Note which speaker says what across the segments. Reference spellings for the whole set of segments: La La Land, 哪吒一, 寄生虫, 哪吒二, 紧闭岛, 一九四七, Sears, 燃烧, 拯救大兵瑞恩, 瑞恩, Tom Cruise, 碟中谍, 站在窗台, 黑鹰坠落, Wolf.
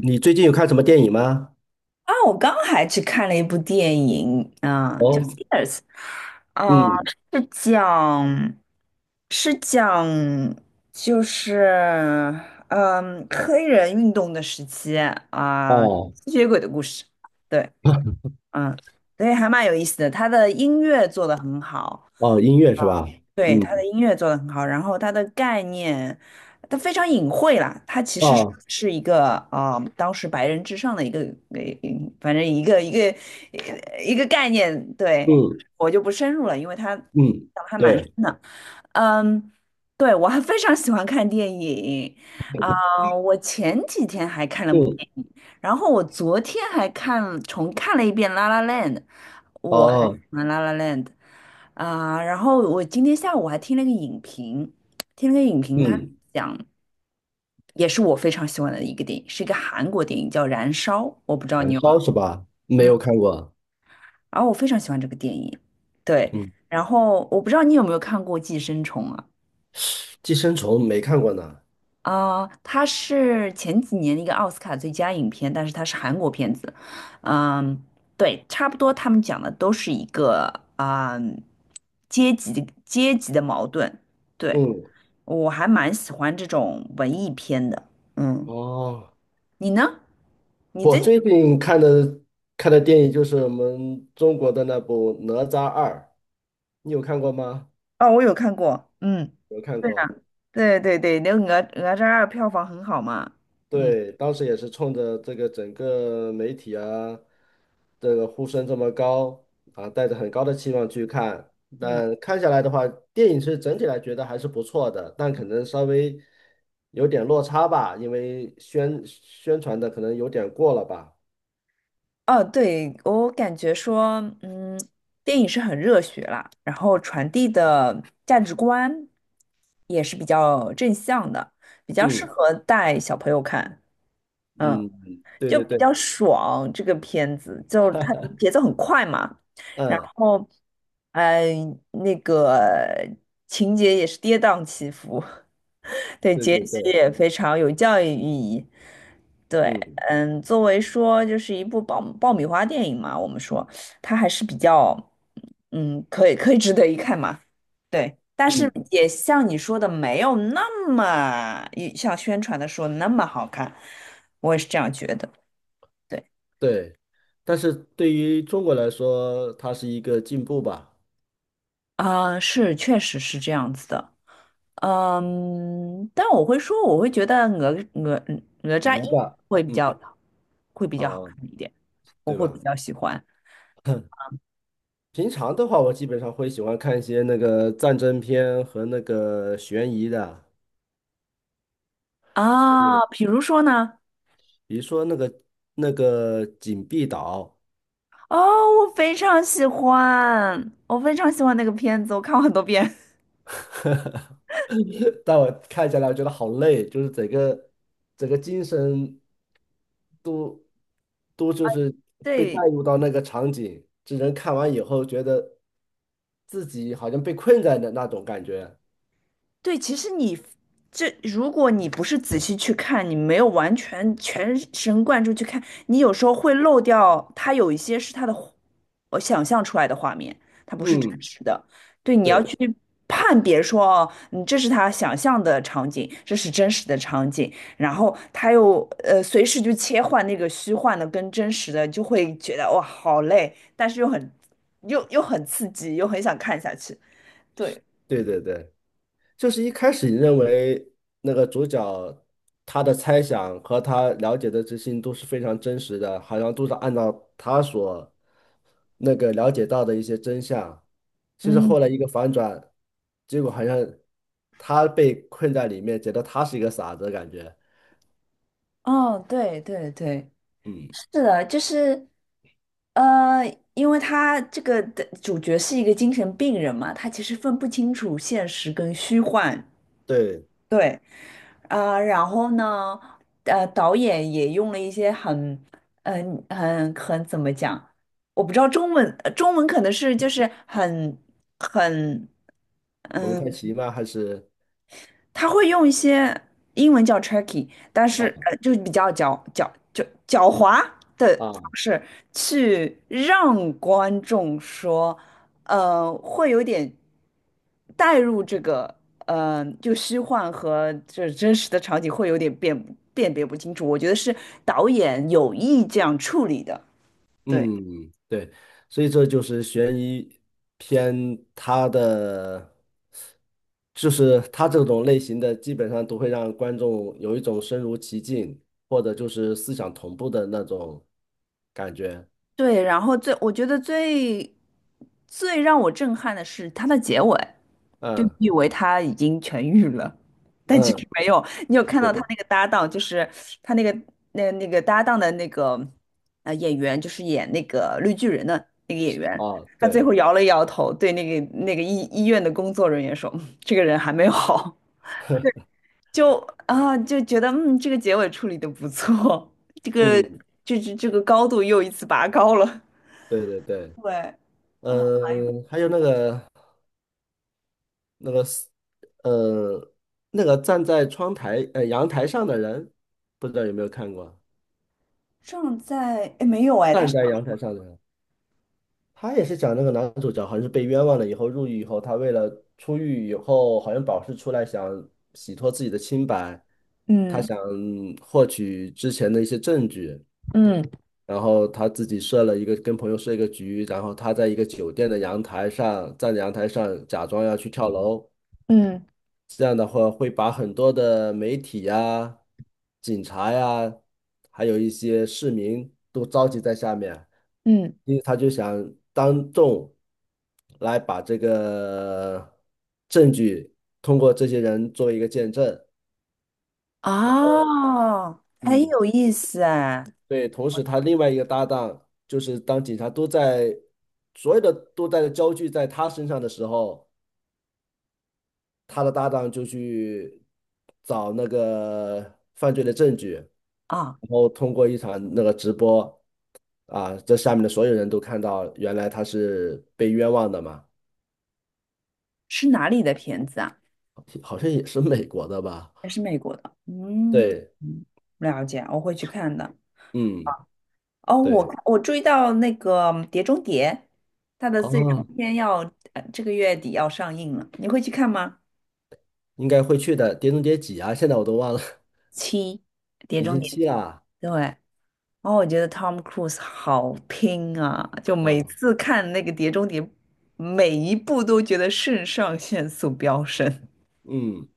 Speaker 1: 你最近有看什么电影吗？
Speaker 2: 啊，我刚还去看了一部电影，啊、叫
Speaker 1: 哦，
Speaker 2: 《Sears》，啊、
Speaker 1: 嗯，
Speaker 2: 是讲是讲就是嗯黑人运动的时期啊、
Speaker 1: 哦，
Speaker 2: 吸血鬼的故事，对，嗯，所以还蛮有意思的。他的音乐做得很好，
Speaker 1: 哦，音乐是吧？
Speaker 2: 对，他的
Speaker 1: 嗯，
Speaker 2: 音乐做得很好，然后他的概念，他非常隐晦啦，他其实是
Speaker 1: 哦，
Speaker 2: 是一个啊、当时白人至上的一个，反正一个概念，对，
Speaker 1: 嗯
Speaker 2: 我就不深入了，因为他讲
Speaker 1: 嗯，
Speaker 2: 的还蛮深
Speaker 1: 对，
Speaker 2: 的。嗯，对，我还非常喜欢看电影啊，我前几天还看了部
Speaker 1: 嗯，
Speaker 2: 电影，然后我昨天还重看了一遍《La La Land》，我很
Speaker 1: 哦，
Speaker 2: 喜欢《La La Land》啊，然后我今天下午还听了个影评，他
Speaker 1: 嗯，
Speaker 2: 讲也是我非常喜欢的一个电影，是一个韩国电影叫《燃烧》，我不知道你
Speaker 1: 燃
Speaker 2: 有没
Speaker 1: 烧是吧？没
Speaker 2: 有，嗯，
Speaker 1: 有看过，
Speaker 2: 然后我非常喜欢这个电影，对，
Speaker 1: 嗯，
Speaker 2: 然后我不知道你有没有看过《寄生虫》啊？
Speaker 1: 寄生虫没看过呢。
Speaker 2: 啊、它是前几年的一个奥斯卡最佳影片，但是它是韩国片子。嗯，对，差不多他们讲的都是一个啊、阶级的矛盾。对，
Speaker 1: 嗯，
Speaker 2: 我还蛮喜欢这种文艺片的。嗯，
Speaker 1: 哦，
Speaker 2: 你呢？你
Speaker 1: 我
Speaker 2: 这
Speaker 1: 最 近看的电影就是我们中国的那部《哪吒二》，你有看过吗？
Speaker 2: 哦，我有看过。嗯，
Speaker 1: 有看过。
Speaker 2: 对对对对，那个《哪吒二》票房很好嘛。嗯
Speaker 1: 对，当时也是冲着这个整个媒体啊，这个呼声这么高啊，带着很高的期望去看。
Speaker 2: 嗯。
Speaker 1: 但看下来的话，电影是整体来觉得还是不错的，但可能稍微有点落差吧，因为宣传的可能有点过了吧。
Speaker 2: 哦，对，我感觉说，嗯，电影是很热血啦，然后传递的价值观也是比较正向的，比较适
Speaker 1: 嗯
Speaker 2: 合带小朋友看，
Speaker 1: 嗯，
Speaker 2: 嗯，
Speaker 1: 嗯对
Speaker 2: 就
Speaker 1: 对
Speaker 2: 比
Speaker 1: 对，
Speaker 2: 较爽。这个片子就它节奏很快嘛，然
Speaker 1: 嗯，
Speaker 2: 后，呃，那个情节也是跌宕起伏，对，
Speaker 1: 对
Speaker 2: 结
Speaker 1: 对
Speaker 2: 局
Speaker 1: 对，
Speaker 2: 也非常有教育意义。对，
Speaker 1: 嗯
Speaker 2: 嗯，作为说就是一部爆米花电影嘛，我们说它还是比较，嗯，可以值得一看嘛。对，但是
Speaker 1: 嗯，
Speaker 2: 也像你说的，没有那么像宣传的说那么好看，我也是这样觉得。对，
Speaker 1: 对。但是对于中国来说，它是一个进步吧。
Speaker 2: 啊、是，确实是这样子的。嗯，但我会说，我会觉得哪吒一
Speaker 1: 哪吒
Speaker 2: 会比
Speaker 1: 嗯
Speaker 2: 较会比较好
Speaker 1: 啊，
Speaker 2: 看一点，我
Speaker 1: 对
Speaker 2: 会比
Speaker 1: 吧？
Speaker 2: 较喜欢
Speaker 1: 平常的话，我基本上会喜欢看一些那个战争片和那个悬疑的，
Speaker 2: 啊。比如说呢？
Speaker 1: 比如说那个《紧闭岛》，
Speaker 2: 哦，我非常喜欢那个片子，我看过很多遍。
Speaker 1: 但我看下来我觉得好累，就是整个精神都就是 被带
Speaker 2: 对，
Speaker 1: 入到那个场景，这人看完以后觉得自己好像被困在那种感觉。
Speaker 2: 对，其实如果你不是仔细去看，你没有完全全神贯注去看，你有时候会漏掉它有一些是它的我想象出来的画面，它不是真
Speaker 1: 嗯，
Speaker 2: 实的。对，你要去
Speaker 1: 对
Speaker 2: 判别说，哦，你这是他想象的场景，这是真实的场景，然后他又随时就切换那个虚幻的跟真实的，就会觉得哇好累，但是又很刺激，又很想看下去。对，
Speaker 1: 对对对。就是一开始你认为那个主角他的猜想和他了解的这些都是非常真实的，好像都是按照他所那个了解到的一些真相。其实
Speaker 2: 嗯。
Speaker 1: 后来一个反转，结果好像他被困在里面，觉得他是一个傻子，的感觉。
Speaker 2: 哦，对对对，
Speaker 1: 嗯，
Speaker 2: 是的，就是，呃，因为他这个的主角是一个精神病人嘛，他其实分不清楚现实跟虚幻。
Speaker 1: 对，
Speaker 2: 对，啊、然后呢，导演也用了一些很，很怎么讲，我不知道中文，中文可能是就是很。
Speaker 1: 蒙太
Speaker 2: 嗯。
Speaker 1: 奇吗？还是
Speaker 2: 他会用一些英文叫 tricky，但是
Speaker 1: 啊
Speaker 2: 就是比较狡猾的方
Speaker 1: 啊？
Speaker 2: 式去让观众说，会有点带入这个，就虚幻和这真实的场景会有点辨别不清楚。我觉得是导演有意这样处理的。对。
Speaker 1: 嗯，对，所以这就是悬疑片，它的就是它这种类型的，基本上都会让观众有一种身如其境，或者就是思想同步的那种感觉。
Speaker 2: 对，然后我觉得最让我震撼的是它的结尾，就你
Speaker 1: 嗯
Speaker 2: 以为他已经痊愈了，但其实
Speaker 1: 嗯，
Speaker 2: 没有。你有看
Speaker 1: 对
Speaker 2: 到他
Speaker 1: 对，
Speaker 2: 那个搭档，就是他那个那个搭档的那个演员，就是演那个绿巨人的那个演员，
Speaker 1: 啊
Speaker 2: 他最
Speaker 1: 对，
Speaker 2: 后摇了摇头，对那个医院的工作人员说：这个人还没有好。”就啊就觉得这个结尾处理的不错，这个
Speaker 1: 嗯
Speaker 2: 这个高度又一次拔高了。
Speaker 1: 对对对，
Speaker 2: 对，啊，
Speaker 1: 嗯，还有那个那个是呃那个站在窗台呃阳台上的人，不知道有没有看过？
Speaker 2: 正在，哎，没有哎，他
Speaker 1: 站
Speaker 2: 是，
Speaker 1: 在阳台上的人。他也是讲那个男主角好像是被冤枉了以后入狱以后，他为了出狱以后好像保释出来，想洗脱自己的清白，他
Speaker 2: 嗯
Speaker 1: 想获取之前的一些证据，
Speaker 2: 嗯
Speaker 1: 然后他自己设了一个跟朋友设一个局，然后他在一个酒店的阳台上站在阳台上假装要去跳楼，
Speaker 2: 嗯
Speaker 1: 这样的话会把很多的媒体呀、警察呀，还有一些市民都召集在下面。
Speaker 2: 嗯，
Speaker 1: 因为他就想当众来把这个证据通过这些人做一个见证。
Speaker 2: 啊，很
Speaker 1: 嗯，
Speaker 2: 有意思哎，
Speaker 1: 对。同时，他另外一个搭档就是当警察都在所有的都在焦聚在他身上的时候，他的搭档就去找那个犯罪的证据，然
Speaker 2: 啊，
Speaker 1: 后通过一场那个直播啊，这下面的所有人都看到，原来他是被冤枉的嘛，
Speaker 2: 是哪里的片子啊？
Speaker 1: 好像也是美国的吧。
Speaker 2: 还是美国的？嗯，
Speaker 1: 对，
Speaker 2: 嗯了解，我会去看的。
Speaker 1: 嗯，
Speaker 2: 哦，
Speaker 1: 对，
Speaker 2: 我注意到那个碟中谍》，它的最终
Speaker 1: 哦，
Speaker 2: 篇要，这个月底要上映了，你会去看吗？
Speaker 1: 应该会去的。碟中谍几啊？现在我都忘了，
Speaker 2: 七，《碟
Speaker 1: 已
Speaker 2: 中
Speaker 1: 经
Speaker 2: 谍》，
Speaker 1: 七了啊。
Speaker 2: 对，然后我觉得 Tom Cruise 好拼啊，就每
Speaker 1: 啊
Speaker 2: 次看那个《碟中谍》，每一部都觉得肾上腺素飙升。
Speaker 1: 嗯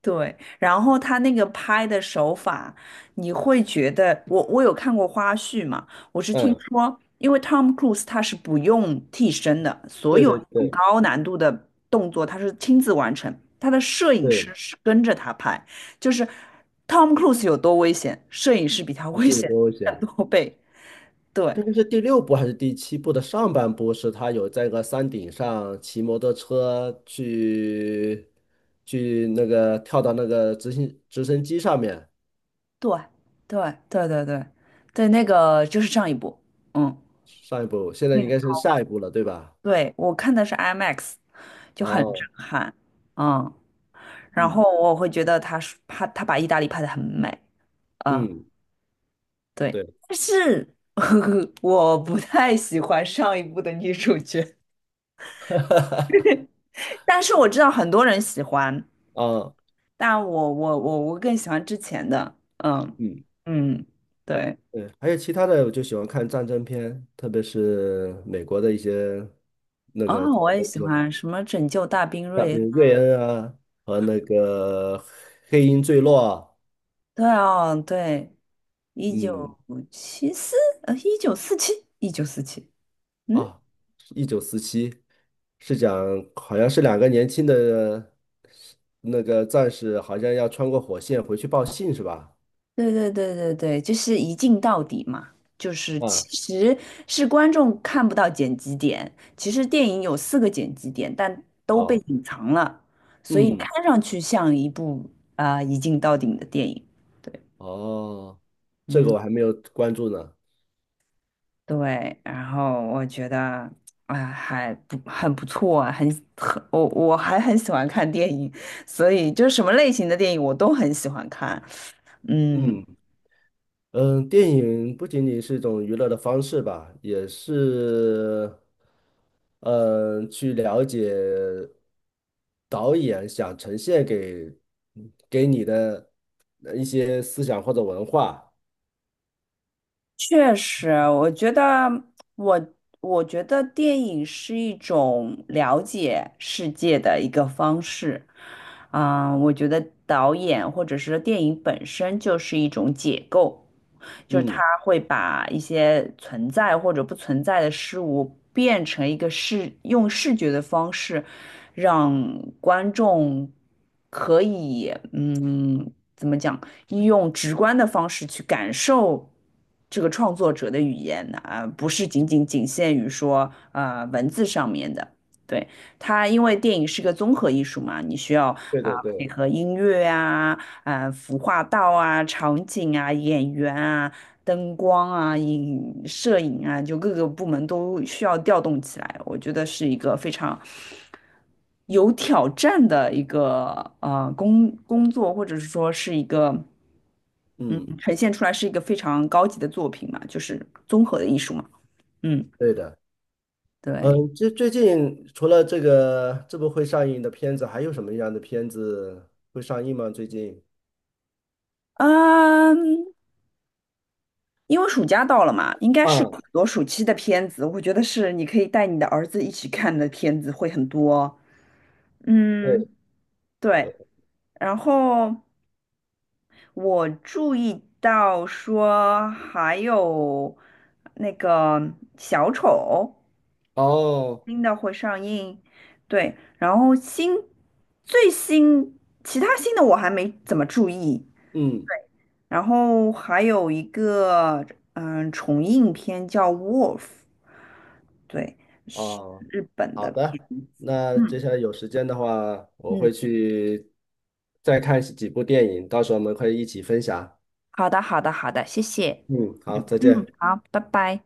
Speaker 2: 对，然后他那个拍的手法，你会觉得我有看过花絮嘛？我是听
Speaker 1: 嗯，
Speaker 2: 说，因为 Tom Cruise 他是不用替身的，所
Speaker 1: 对
Speaker 2: 有
Speaker 1: 对
Speaker 2: 那种
Speaker 1: 对
Speaker 2: 高难度的动作他是亲自完成，他的摄影师
Speaker 1: 对，
Speaker 2: 是跟着他拍，就是 Tom Cruise 有多危险，摄影师比他
Speaker 1: 不
Speaker 2: 危
Speaker 1: 记得
Speaker 2: 险
Speaker 1: 多危险。
Speaker 2: 更多倍。对，
Speaker 1: 这个是第六部还是第七部的上半部？是他有在个山顶上骑摩托车去那个跳到那个直升机上面。
Speaker 2: 对对对对对对，那个就是上一部，嗯，
Speaker 1: 上一部，现在
Speaker 2: 嗯，
Speaker 1: 应该是下一部了，对吧？
Speaker 2: 对，我看的是 IMAX，就很
Speaker 1: 哦，
Speaker 2: 震撼，嗯，然
Speaker 1: 嗯
Speaker 2: 后我会觉得他是他他把意大利拍的很美，嗯，
Speaker 1: 嗯，
Speaker 2: 对，
Speaker 1: 对，
Speaker 2: 但是 我不太喜欢上一部的女主角，但是我知道很多人喜欢，
Speaker 1: 啊，
Speaker 2: 但我更喜欢之前的，嗯
Speaker 1: 嗯。
Speaker 2: 嗯，对，
Speaker 1: 对，还有其他的，我就喜欢看战争片，特别是美国的一些那
Speaker 2: 哦，
Speaker 1: 个战
Speaker 2: 我也
Speaker 1: 争
Speaker 2: 喜
Speaker 1: 片，
Speaker 2: 欢什么拯救大兵
Speaker 1: 啊，
Speaker 2: 瑞
Speaker 1: 比
Speaker 2: 恩，
Speaker 1: 如瑞恩啊和那个黑鹰坠落啊
Speaker 2: 对哦，对。一
Speaker 1: 嗯
Speaker 2: 九七四，一九四七，嗯，
Speaker 1: 啊，1947是讲好像是两个年轻的那个战士，好像要穿过火线回去报信是吧？
Speaker 2: 对对对对对，就是一镜到底嘛，就是
Speaker 1: 啊，
Speaker 2: 其实是观众看不到剪辑点，其实电影有四个剪辑点，但都被
Speaker 1: 哦，
Speaker 2: 隐藏了，所以
Speaker 1: 嗯，
Speaker 2: 看上去像一部啊、一镜到底的电影，对，
Speaker 1: 哦，这
Speaker 2: 嗯。
Speaker 1: 个我还没有关注呢，
Speaker 2: 对，然后我觉得，哎，还不很不错啊，很，我还很喜欢看电影，所以就什么类型的电影我都很喜欢看。嗯，
Speaker 1: 嗯。嗯，电影不仅仅是一种娱乐的方式吧，也是，嗯，去了解导演想呈现给你的一些思想或者文化。
Speaker 2: 确实，我觉得我电影是一种了解世界的一个方式，啊、我觉得导演或者是电影本身就是一种解构，就是它
Speaker 1: 嗯，
Speaker 2: 会把一些存在或者不存在的事物变成一个用视觉的方式，让观众可以，怎么讲？用直观的方式去感受这个创作者的语言啊，不是仅限于说文字上面的。对，它因为电影是个综合艺术嘛，你需要
Speaker 1: 对
Speaker 2: 啊、
Speaker 1: 对
Speaker 2: 配
Speaker 1: 对，
Speaker 2: 合音乐啊、服化道啊、场景啊、演员啊、灯光啊、摄影啊，就各个部门都需要调动起来。我觉得是一个非常有挑战的一个工作，或者是说是一个嗯，
Speaker 1: 嗯，
Speaker 2: 呈现出来是一个非常高级的作品嘛，就是综合的艺术嘛。嗯，
Speaker 1: 对的。
Speaker 2: 对，
Speaker 1: 嗯，这最近除了这个这部会上映的片子，还有什么样的片子会上映吗？最近？
Speaker 2: 嗯，因为暑假到了嘛，应该是
Speaker 1: 啊，
Speaker 2: 有很多暑期的片子，我觉得是你可以带你的儿子一起看的片子会很多。嗯，
Speaker 1: 对，
Speaker 2: 对。然后我注意到说还有那个小丑，
Speaker 1: 哦，
Speaker 2: 新的会上映，对，然后新最新其他新的我还没怎么注意，
Speaker 1: 嗯。
Speaker 2: 然后还有一个重映片叫《Wolf》，对，是
Speaker 1: 哦，
Speaker 2: 日本
Speaker 1: 好
Speaker 2: 的
Speaker 1: 的，
Speaker 2: 片子，
Speaker 1: 那接
Speaker 2: 嗯
Speaker 1: 下来有时间的话，我会
Speaker 2: 嗯，
Speaker 1: 去再看几部电影，到时候我们可以一起分享。
Speaker 2: 好的好的好的，谢谢，
Speaker 1: 嗯，好，
Speaker 2: 嗯
Speaker 1: 再
Speaker 2: 嗯，
Speaker 1: 见。
Speaker 2: 好，拜拜。